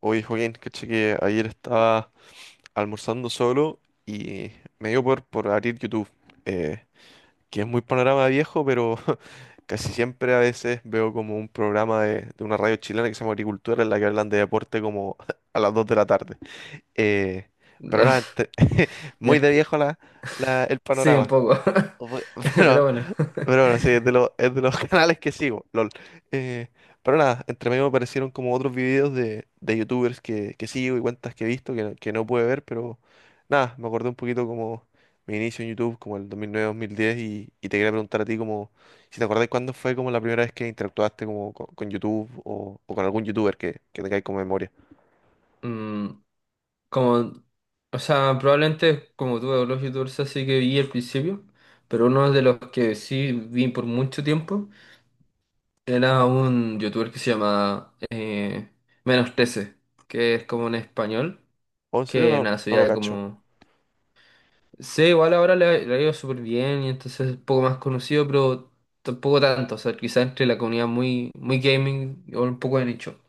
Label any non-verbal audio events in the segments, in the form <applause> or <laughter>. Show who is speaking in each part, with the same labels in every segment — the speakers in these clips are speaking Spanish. Speaker 1: Oye, Joaquín, caché que ayer estaba almorzando solo y me dio por abrir YouTube, eh, que es muy panorama viejo, pero <laughs> casi siempre a veces veo como un programa de una radio chilena que se llama Agricultura, en la que hablan de deporte como <laughs> a las 2 de la tarde. Eh, pero nada,
Speaker 2: <laughs>
Speaker 1: <laughs> muy de
Speaker 2: Ya.
Speaker 1: viejo el
Speaker 2: Sí, un
Speaker 1: panorama.
Speaker 2: poco. <laughs>
Speaker 1: Voy- <laughs>
Speaker 2: Pero
Speaker 1: Pero,
Speaker 2: bueno.
Speaker 1: pero bueno, sí, es de los <laughs> canales que sigo, LOL. Eh, pero nada, entre medio me aparecieron como otros videos de youtubers que sigo y cuentas que he visto que no pude ver, pero nada, me acordé un poquito como mi inicio en YouTube, como el dos 2009 mil diez y te quería preguntar a ti como si te acordás cuándo fue como la primera vez que interactuaste como con YouTube o con algún youtuber que tengáis como memoria.
Speaker 2: Mm, Como, o sea, probablemente como tuve Dolores y Dulce, sí que vi al principio, pero uno de los que sí vi por mucho tiempo era un youtuber que se llama Menos 13, que es como en español,
Speaker 1: ¿O en serio
Speaker 2: que
Speaker 1: no,
Speaker 2: nada,
Speaker 1: no lo
Speaker 2: sería
Speaker 1: cacho?
Speaker 2: como... Sí, igual ahora le ha ido súper bien y entonces es un poco más conocido, pero tampoco tanto, o sea, quizás entre la comunidad muy, muy gaming o un poco de nicho.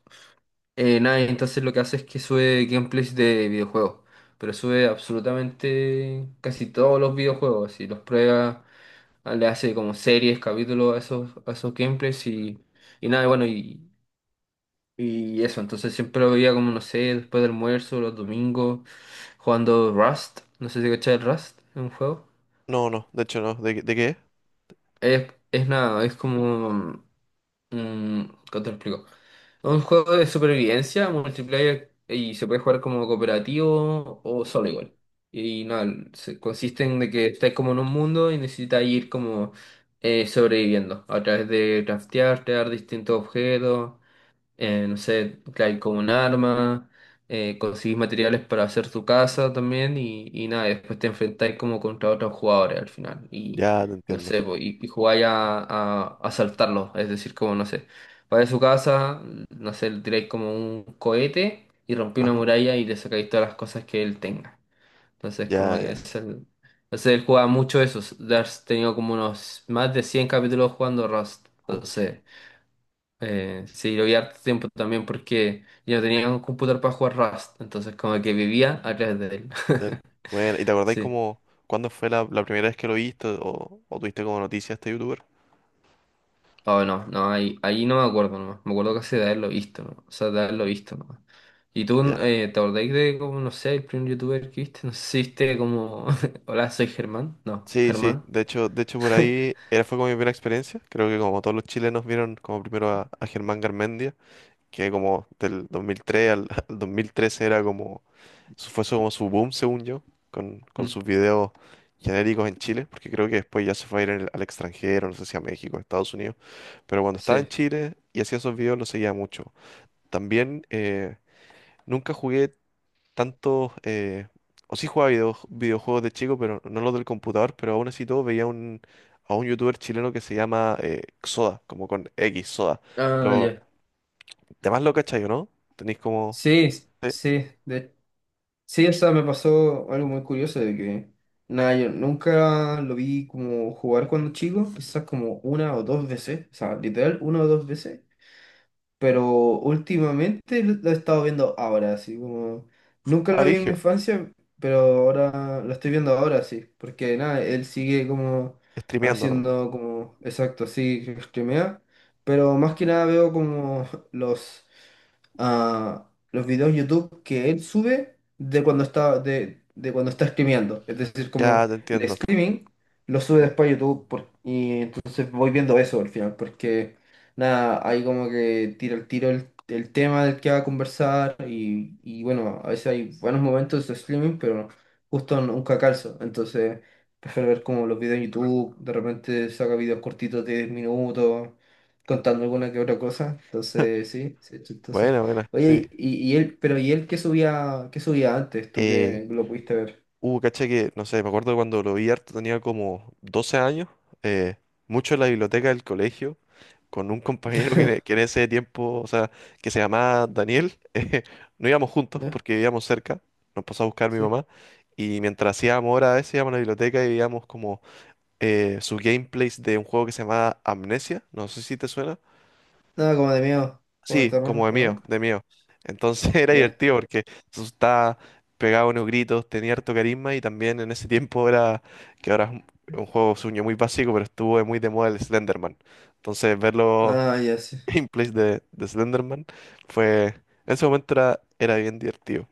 Speaker 2: Nada, y entonces lo que hace es que sube gameplays de videojuegos, pero sube absolutamente casi todos los videojuegos, y los prueba, ah, le hace como series, capítulos a esos gameplays y nada, y bueno, y eso, entonces siempre lo veía como, no sé, después del almuerzo, los domingos, jugando Rust, no sé si cachai el Rust, es un juego.
Speaker 1: No, no, de hecho no. ¿De, qué- de qué es?
Speaker 2: Es nada, es como... mm, ¿Cómo te lo explico? Es un juego de supervivencia, multiplayer, y se puede jugar como cooperativo o solo igual. Y nada, consiste en de que estáis como en un mundo y necesitáis ir como sobreviviendo a través de craftear, crear distintos objetos, no sé, claro, con un arma, conseguís materiales para hacer tu casa también y nada, y después te enfrentáis como contra otros jugadores al final y
Speaker 1: Ya te
Speaker 2: no
Speaker 1: entiendo.
Speaker 2: sé, po, y jugáis a asaltarlos, es decir, como no sé, vais a su casa, no sé, le tiráis como un cohete y rompí una
Speaker 1: Ajá,
Speaker 2: muralla y le sacáis todas las cosas que él tenga. Entonces, como
Speaker 1: ya,
Speaker 2: que
Speaker 1: ya.
Speaker 2: es el... Entonces él jugaba mucho eso, has tenido como unos más de 100 capítulos jugando Rust, entonces... Sí, lo vi harto tiempo también porque yo no tenía un computador para jugar Rust, entonces como que vivía a través de él.
Speaker 1: De él.
Speaker 2: <laughs>
Speaker 1: Bueno, ¿y te acordáis
Speaker 2: Sí.
Speaker 1: como cuándo fue la primera vez que lo viste o tuviste como noticia a este youtuber?
Speaker 2: Oh, no, no, ahí no me acuerdo nomás. Me acuerdo casi de haberlo visto, ¿no? O sea, de haberlo visto nomás. ¿Y tú
Speaker 1: Ya.
Speaker 2: te acordáis de como, no sé, el primer youtuber que viste? No sé si viste como, <laughs> hola, soy Germán. No,
Speaker 1: Sí, sí.
Speaker 2: Germán.
Speaker 1: De hecho por
Speaker 2: <laughs>
Speaker 1: ahí era fue como mi primera experiencia. Creo que como todos los chilenos vieron como primero a Germán Garmendia, que como del 2003 al, <laughs> al 2013 era como como su boom, según yo, con
Speaker 2: Mm.
Speaker 1: sus videos genéricos en Chile, porque creo que después ya se fue a ir al, al extranjero, no sé si a México, a Estados Unidos, pero cuando estaba en
Speaker 2: Sí.
Speaker 1: Chile y hacía esos videos lo seguía mucho. También nunca jugué tantos, eh, o sí jugaba videojuegos de chico, pero no los del computador, pero aún así todo veía a un youtuber chileno que se llama Xoda, como con X, Xoda.
Speaker 2: Ah,
Speaker 1: Lo,
Speaker 2: ya.
Speaker 1: demás lo cachai, ¿o no? Tenéis como...
Speaker 2: Sí,
Speaker 1: Sí,
Speaker 2: sí, de Sí, o sea, me pasó algo muy curioso de que, nada, yo nunca lo vi como jugar cuando chico, quizás como una o dos veces, o sea, literal, una o dos veces, pero últimamente lo he estado viendo ahora, así como, nunca
Speaker 1: ah,
Speaker 2: lo vi en mi
Speaker 1: Brigio,
Speaker 2: infancia, pero ahora lo estoy viendo ahora, sí, porque nada, él sigue como
Speaker 1: streameando, ¿no?
Speaker 2: haciendo como, exacto, así, que streamea, pero más que nada veo como <laughs> los a los videos YouTube que él sube de cuando está, de cuando está streameando. Es decir, como
Speaker 1: Ya te entiendo.
Speaker 2: streaming, lo sube después a YouTube y entonces voy viendo eso al final, porque nada, ahí como que tiro el tema del que va a conversar y bueno, a veces hay buenos momentos de streaming, pero justo nunca calzo, entonces prefiero ver como los videos en YouTube, de repente saca videos cortitos de 10 minutos, contando alguna que otra cosa,
Speaker 1: <laughs>
Speaker 2: entonces sí, sí, chistoso.
Speaker 1: Buena, buena, sí.
Speaker 2: Oye, y él, pero ¿y él qué subía antes? Tú
Speaker 1: Eh,
Speaker 2: que lo pudiste ver.
Speaker 1: Caché que, no sé, me acuerdo cuando lo vi harto, tenía como 12 años, eh, mucho en la biblioteca del colegio, con un <laughs> compañero que
Speaker 2: <laughs>
Speaker 1: en ese tiempo, o sea, que se llamaba Daniel, <laughs> no íbamos juntos
Speaker 2: ¿Ya?
Speaker 1: porque vivíamos cerca, nos pasó a buscar mi
Speaker 2: Sí.
Speaker 1: mamá, y mientras hacíamos horas a veces íbamos a la biblioteca y veíamos como su gameplays de un juego que se llamaba Amnesia, no sé si te suena.
Speaker 2: No, como de miedo, como de
Speaker 1: Sí, como
Speaker 2: terror,
Speaker 1: de
Speaker 2: ¿o
Speaker 1: mío,
Speaker 2: no?
Speaker 1: de mío. Entonces <laughs> era
Speaker 2: Ya.
Speaker 1: divertido porque se asustaba, pegaba unos gritos, tenía harto carisma y también en ese tiempo era, que ahora es un juego sueño muy básico, pero estuvo muy de moda el Slenderman. Entonces verlo
Speaker 2: Ah, ya sí.
Speaker 1: <laughs> gameplays de Slenderman fue, en ese momento era, era bien divertido.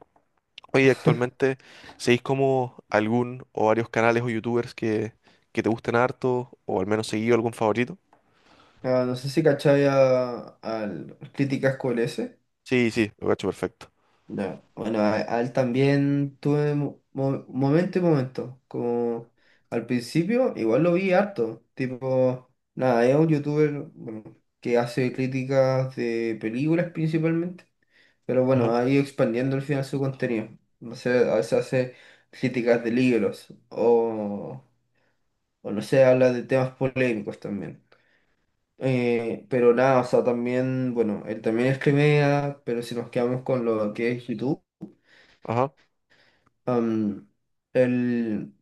Speaker 1: Oye, actualmente, ¿seguís como algún o varios canales o youtubers que te gusten harto o al menos seguido algún favorito?
Speaker 2: Ah, no sé si cachaba al Críticas QLS.
Speaker 1: Sí, sí, lo cacho perfecto.
Speaker 2: Ya. Bueno, a él también tuve momento y momento. Como al principio, igual lo vi harto. Tipo, nada, es un youtuber, bueno, que hace críticas de películas principalmente. Pero
Speaker 1: Ajá,
Speaker 2: bueno, ha ido expandiendo al final su contenido. No sé, a veces hace críticas de libros o. O no sé, habla de temas polémicos también. Pero nada, o sea, también, bueno, él también es Crimea, pero si nos quedamos con lo que es YouTube,
Speaker 1: ajá,
Speaker 2: am, él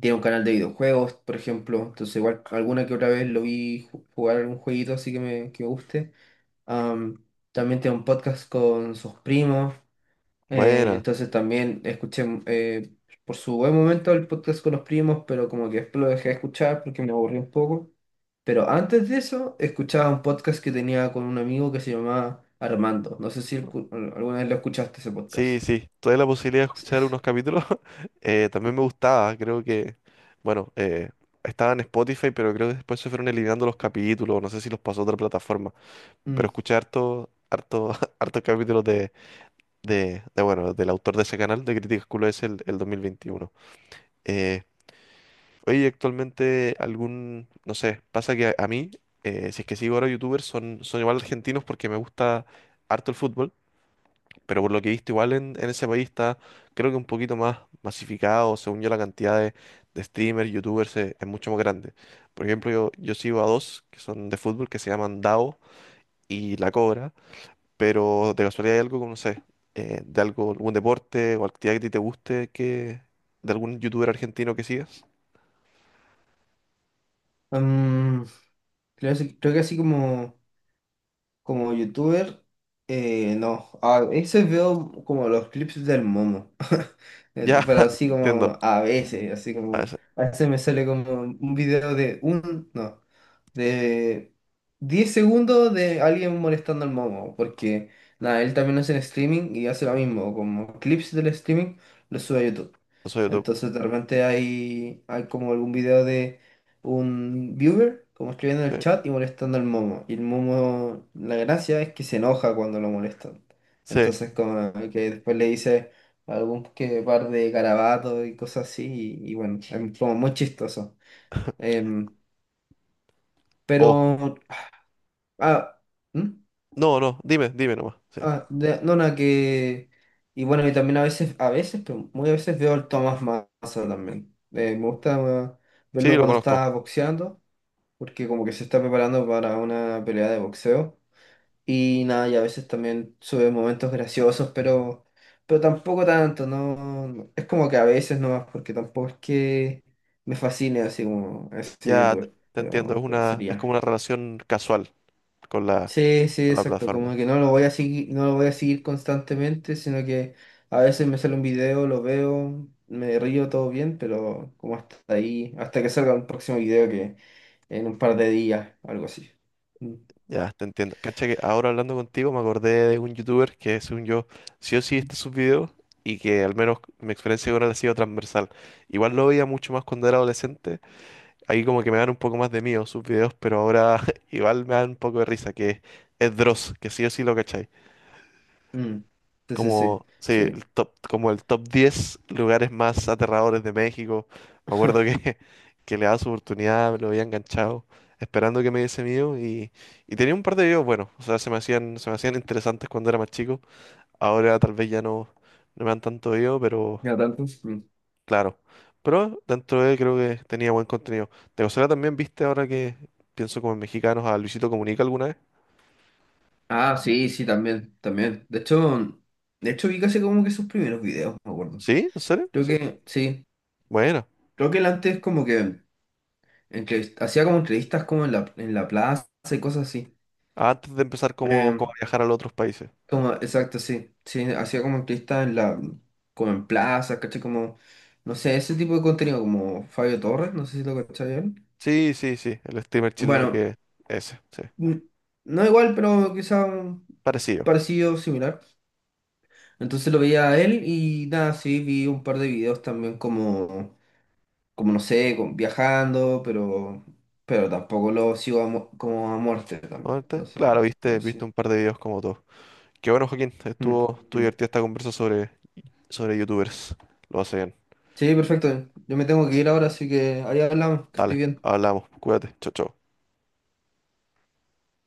Speaker 2: tiene un canal de videojuegos, por ejemplo, entonces igual alguna que otra vez lo vi jugar algún jueguito así que me guste. Am, También tiene un podcast con sus primos,
Speaker 1: buena.
Speaker 2: entonces también escuché por su buen momento el podcast con los primos, pero como que después lo dejé de escuchar porque me aburrí un poco. Pero antes de eso, escuchaba un podcast que tenía con un amigo que se llamaba Armando. No sé si alguna vez lo escuchaste ese
Speaker 1: Sí,
Speaker 2: podcast.
Speaker 1: sí, tuve la posibilidad de escuchar unos
Speaker 2: <laughs>
Speaker 1: capítulos. <laughs> También me gustaba, creo que, bueno, estaba en Spotify, pero creo que después se fueron eliminando los capítulos, no sé si los pasó a otra plataforma, pero
Speaker 2: Mm.
Speaker 1: escuché harto, harto, <laughs> hartos capítulos de, bueno, del autor de ese canal, de Críticas Culo es el 2021. Eh, Oye, actualmente algún, no sé, pasa que a mí, si es que sigo ahora youtubers, son, son igual argentinos porque me gusta harto el fútbol. Pero por lo que he visto, igual en ese país está, creo que un poquito más masificado, según yo, la cantidad de streamers, youtubers es, mucho más grande. Por ejemplo, yo sigo a dos que son de fútbol, que se llaman Dao y La Cobra, pero de casualidad hay algo como, no sé, algún deporte o actividad que a ti te guste, que, de algún youtuber argentino que sigas.
Speaker 2: Mm, creo, Creo que así como... Como youtuber, no. A veces veo como los clips del Momo. <laughs>
Speaker 1: Ya,
Speaker 2: Eso. Pero
Speaker 1: <laughs>
Speaker 2: así
Speaker 1: te entiendo.
Speaker 2: como a veces, así
Speaker 1: A
Speaker 2: como.
Speaker 1: ver,
Speaker 2: A veces me sale como un video de un. No. De 10 segundos de alguien molestando al Momo. Porque, nada, él también hace el streaming y hace lo mismo. Como clips del streaming, los sube a YouTube.
Speaker 1: no soy YouTube.
Speaker 2: Entonces de repente hay, hay como algún video de un viewer como escribiendo en
Speaker 1: Sí,
Speaker 2: el chat y molestando al Momo. Y el Momo, la gracia es que se enoja cuando lo molestan.
Speaker 1: sí.
Speaker 2: Entonces, como que después le dice algún que par de garabatos y cosas así, y bueno, es como muy chistoso. Em,
Speaker 1: Oh,
Speaker 2: pero, ah, ¿Hmm?
Speaker 1: no, no, dime, dime nomás. Sí,
Speaker 2: No, nada, que. Y bueno, y también a veces, pero muy a veces veo al Tomás Massa también. Me gusta
Speaker 1: sí,
Speaker 2: verlo
Speaker 1: lo
Speaker 2: cuando
Speaker 1: conozco.
Speaker 2: está boxeando. Porque como que se está preparando para una pelea de boxeo. Y nada, y a veces también sube momentos graciosos, pero tampoco tanto, es como que a veces nomás, porque tampoco es que me fascine así como ese
Speaker 1: Ya
Speaker 2: youtuber,
Speaker 1: te entiendo, es
Speaker 2: pero
Speaker 1: una, es
Speaker 2: sería.
Speaker 1: como una relación casual con la,
Speaker 2: Sí, sí,
Speaker 1: con la
Speaker 2: exacto, como
Speaker 1: plataforma.
Speaker 2: que no lo voy a seguir, no lo voy a seguir constantemente, sino que a veces me sale un video, lo veo, me río todo bien, pero como hasta ahí, hasta que salga un próximo video que en un par de días, algo así. Mm.
Speaker 1: Ya, te entiendo. Cacha que ahora hablando contigo me acordé de un youtuber que según yo sí o sí está sus videos y que al menos mi experiencia con él ha sido transversal. Igual lo veía mucho más cuando era adolescente. Ahí como que me dan un poco más de miedo sus videos, pero ahora <laughs> igual me dan un poco de risa, que es Dross, que sí o sí lo cachai.
Speaker 2: Mm. Sí, sí, sí,
Speaker 1: Como, sí, el
Speaker 2: sí.
Speaker 1: top, como el top 10 lugares más aterradores de México. Me acuerdo
Speaker 2: <laughs>
Speaker 1: que, <laughs> que le daba su oportunidad, me lo había enganchado, esperando que me diese mío y tenía un par de videos buenos, o sea, se me hacían interesantes cuando era más chico. Ahora tal vez ya no, no me dan tanto video, pero
Speaker 2: Ya tanto. Mm.
Speaker 1: claro. Pero dentro de él creo que tenía buen contenido. ¿De casualidad también viste ahora que pienso como en mexicanos a Luisito Comunica alguna vez?
Speaker 2: Ah, sí, sí, también, también. De hecho vi casi como que sus primeros videos, me acuerdo.
Speaker 1: ¿Sí? ¿En serio?
Speaker 2: Creo
Speaker 1: ¿Sí?
Speaker 2: que, sí.
Speaker 1: Bueno,
Speaker 2: Creo que él antes como que hacía como entrevistas como en la plaza y cosas así.
Speaker 1: antes de empezar como,
Speaker 2: Eh,
Speaker 1: como a viajar a los otros países.
Speaker 2: exacto, sí. Sí, hacía como entrevistas en la, como en plazas, caché, como, no sé, ese tipo de contenido, como Fabio Torres, no sé si lo cachai él.
Speaker 1: Sí, sí, sí, el streamer chileno
Speaker 2: Bueno,
Speaker 1: que ese, sí,
Speaker 2: mm, no igual, pero quizá un
Speaker 1: parecido.
Speaker 2: parecido, similar. Entonces lo veía a él y nada, sí, vi un par de videos también como, como no sé, viajando, pero tampoco lo sigo a como a muerte también.
Speaker 1: Obviamente,
Speaker 2: Entonces,
Speaker 1: claro, viste,
Speaker 2: pero
Speaker 1: viste
Speaker 2: sí.
Speaker 1: un par de videos como todos. Qué bueno, Joaquín,
Speaker 2: Mm,
Speaker 1: estuvo, estuvo divertida
Speaker 2: mm.
Speaker 1: esta conversa sobre, sobre youtubers. Lo hace bien.
Speaker 2: Sí, perfecto. Yo me tengo que ir ahora, así que ahí hablamos, que esté
Speaker 1: Dale,
Speaker 2: bien.
Speaker 1: hablamos, cuídate, chao, chao.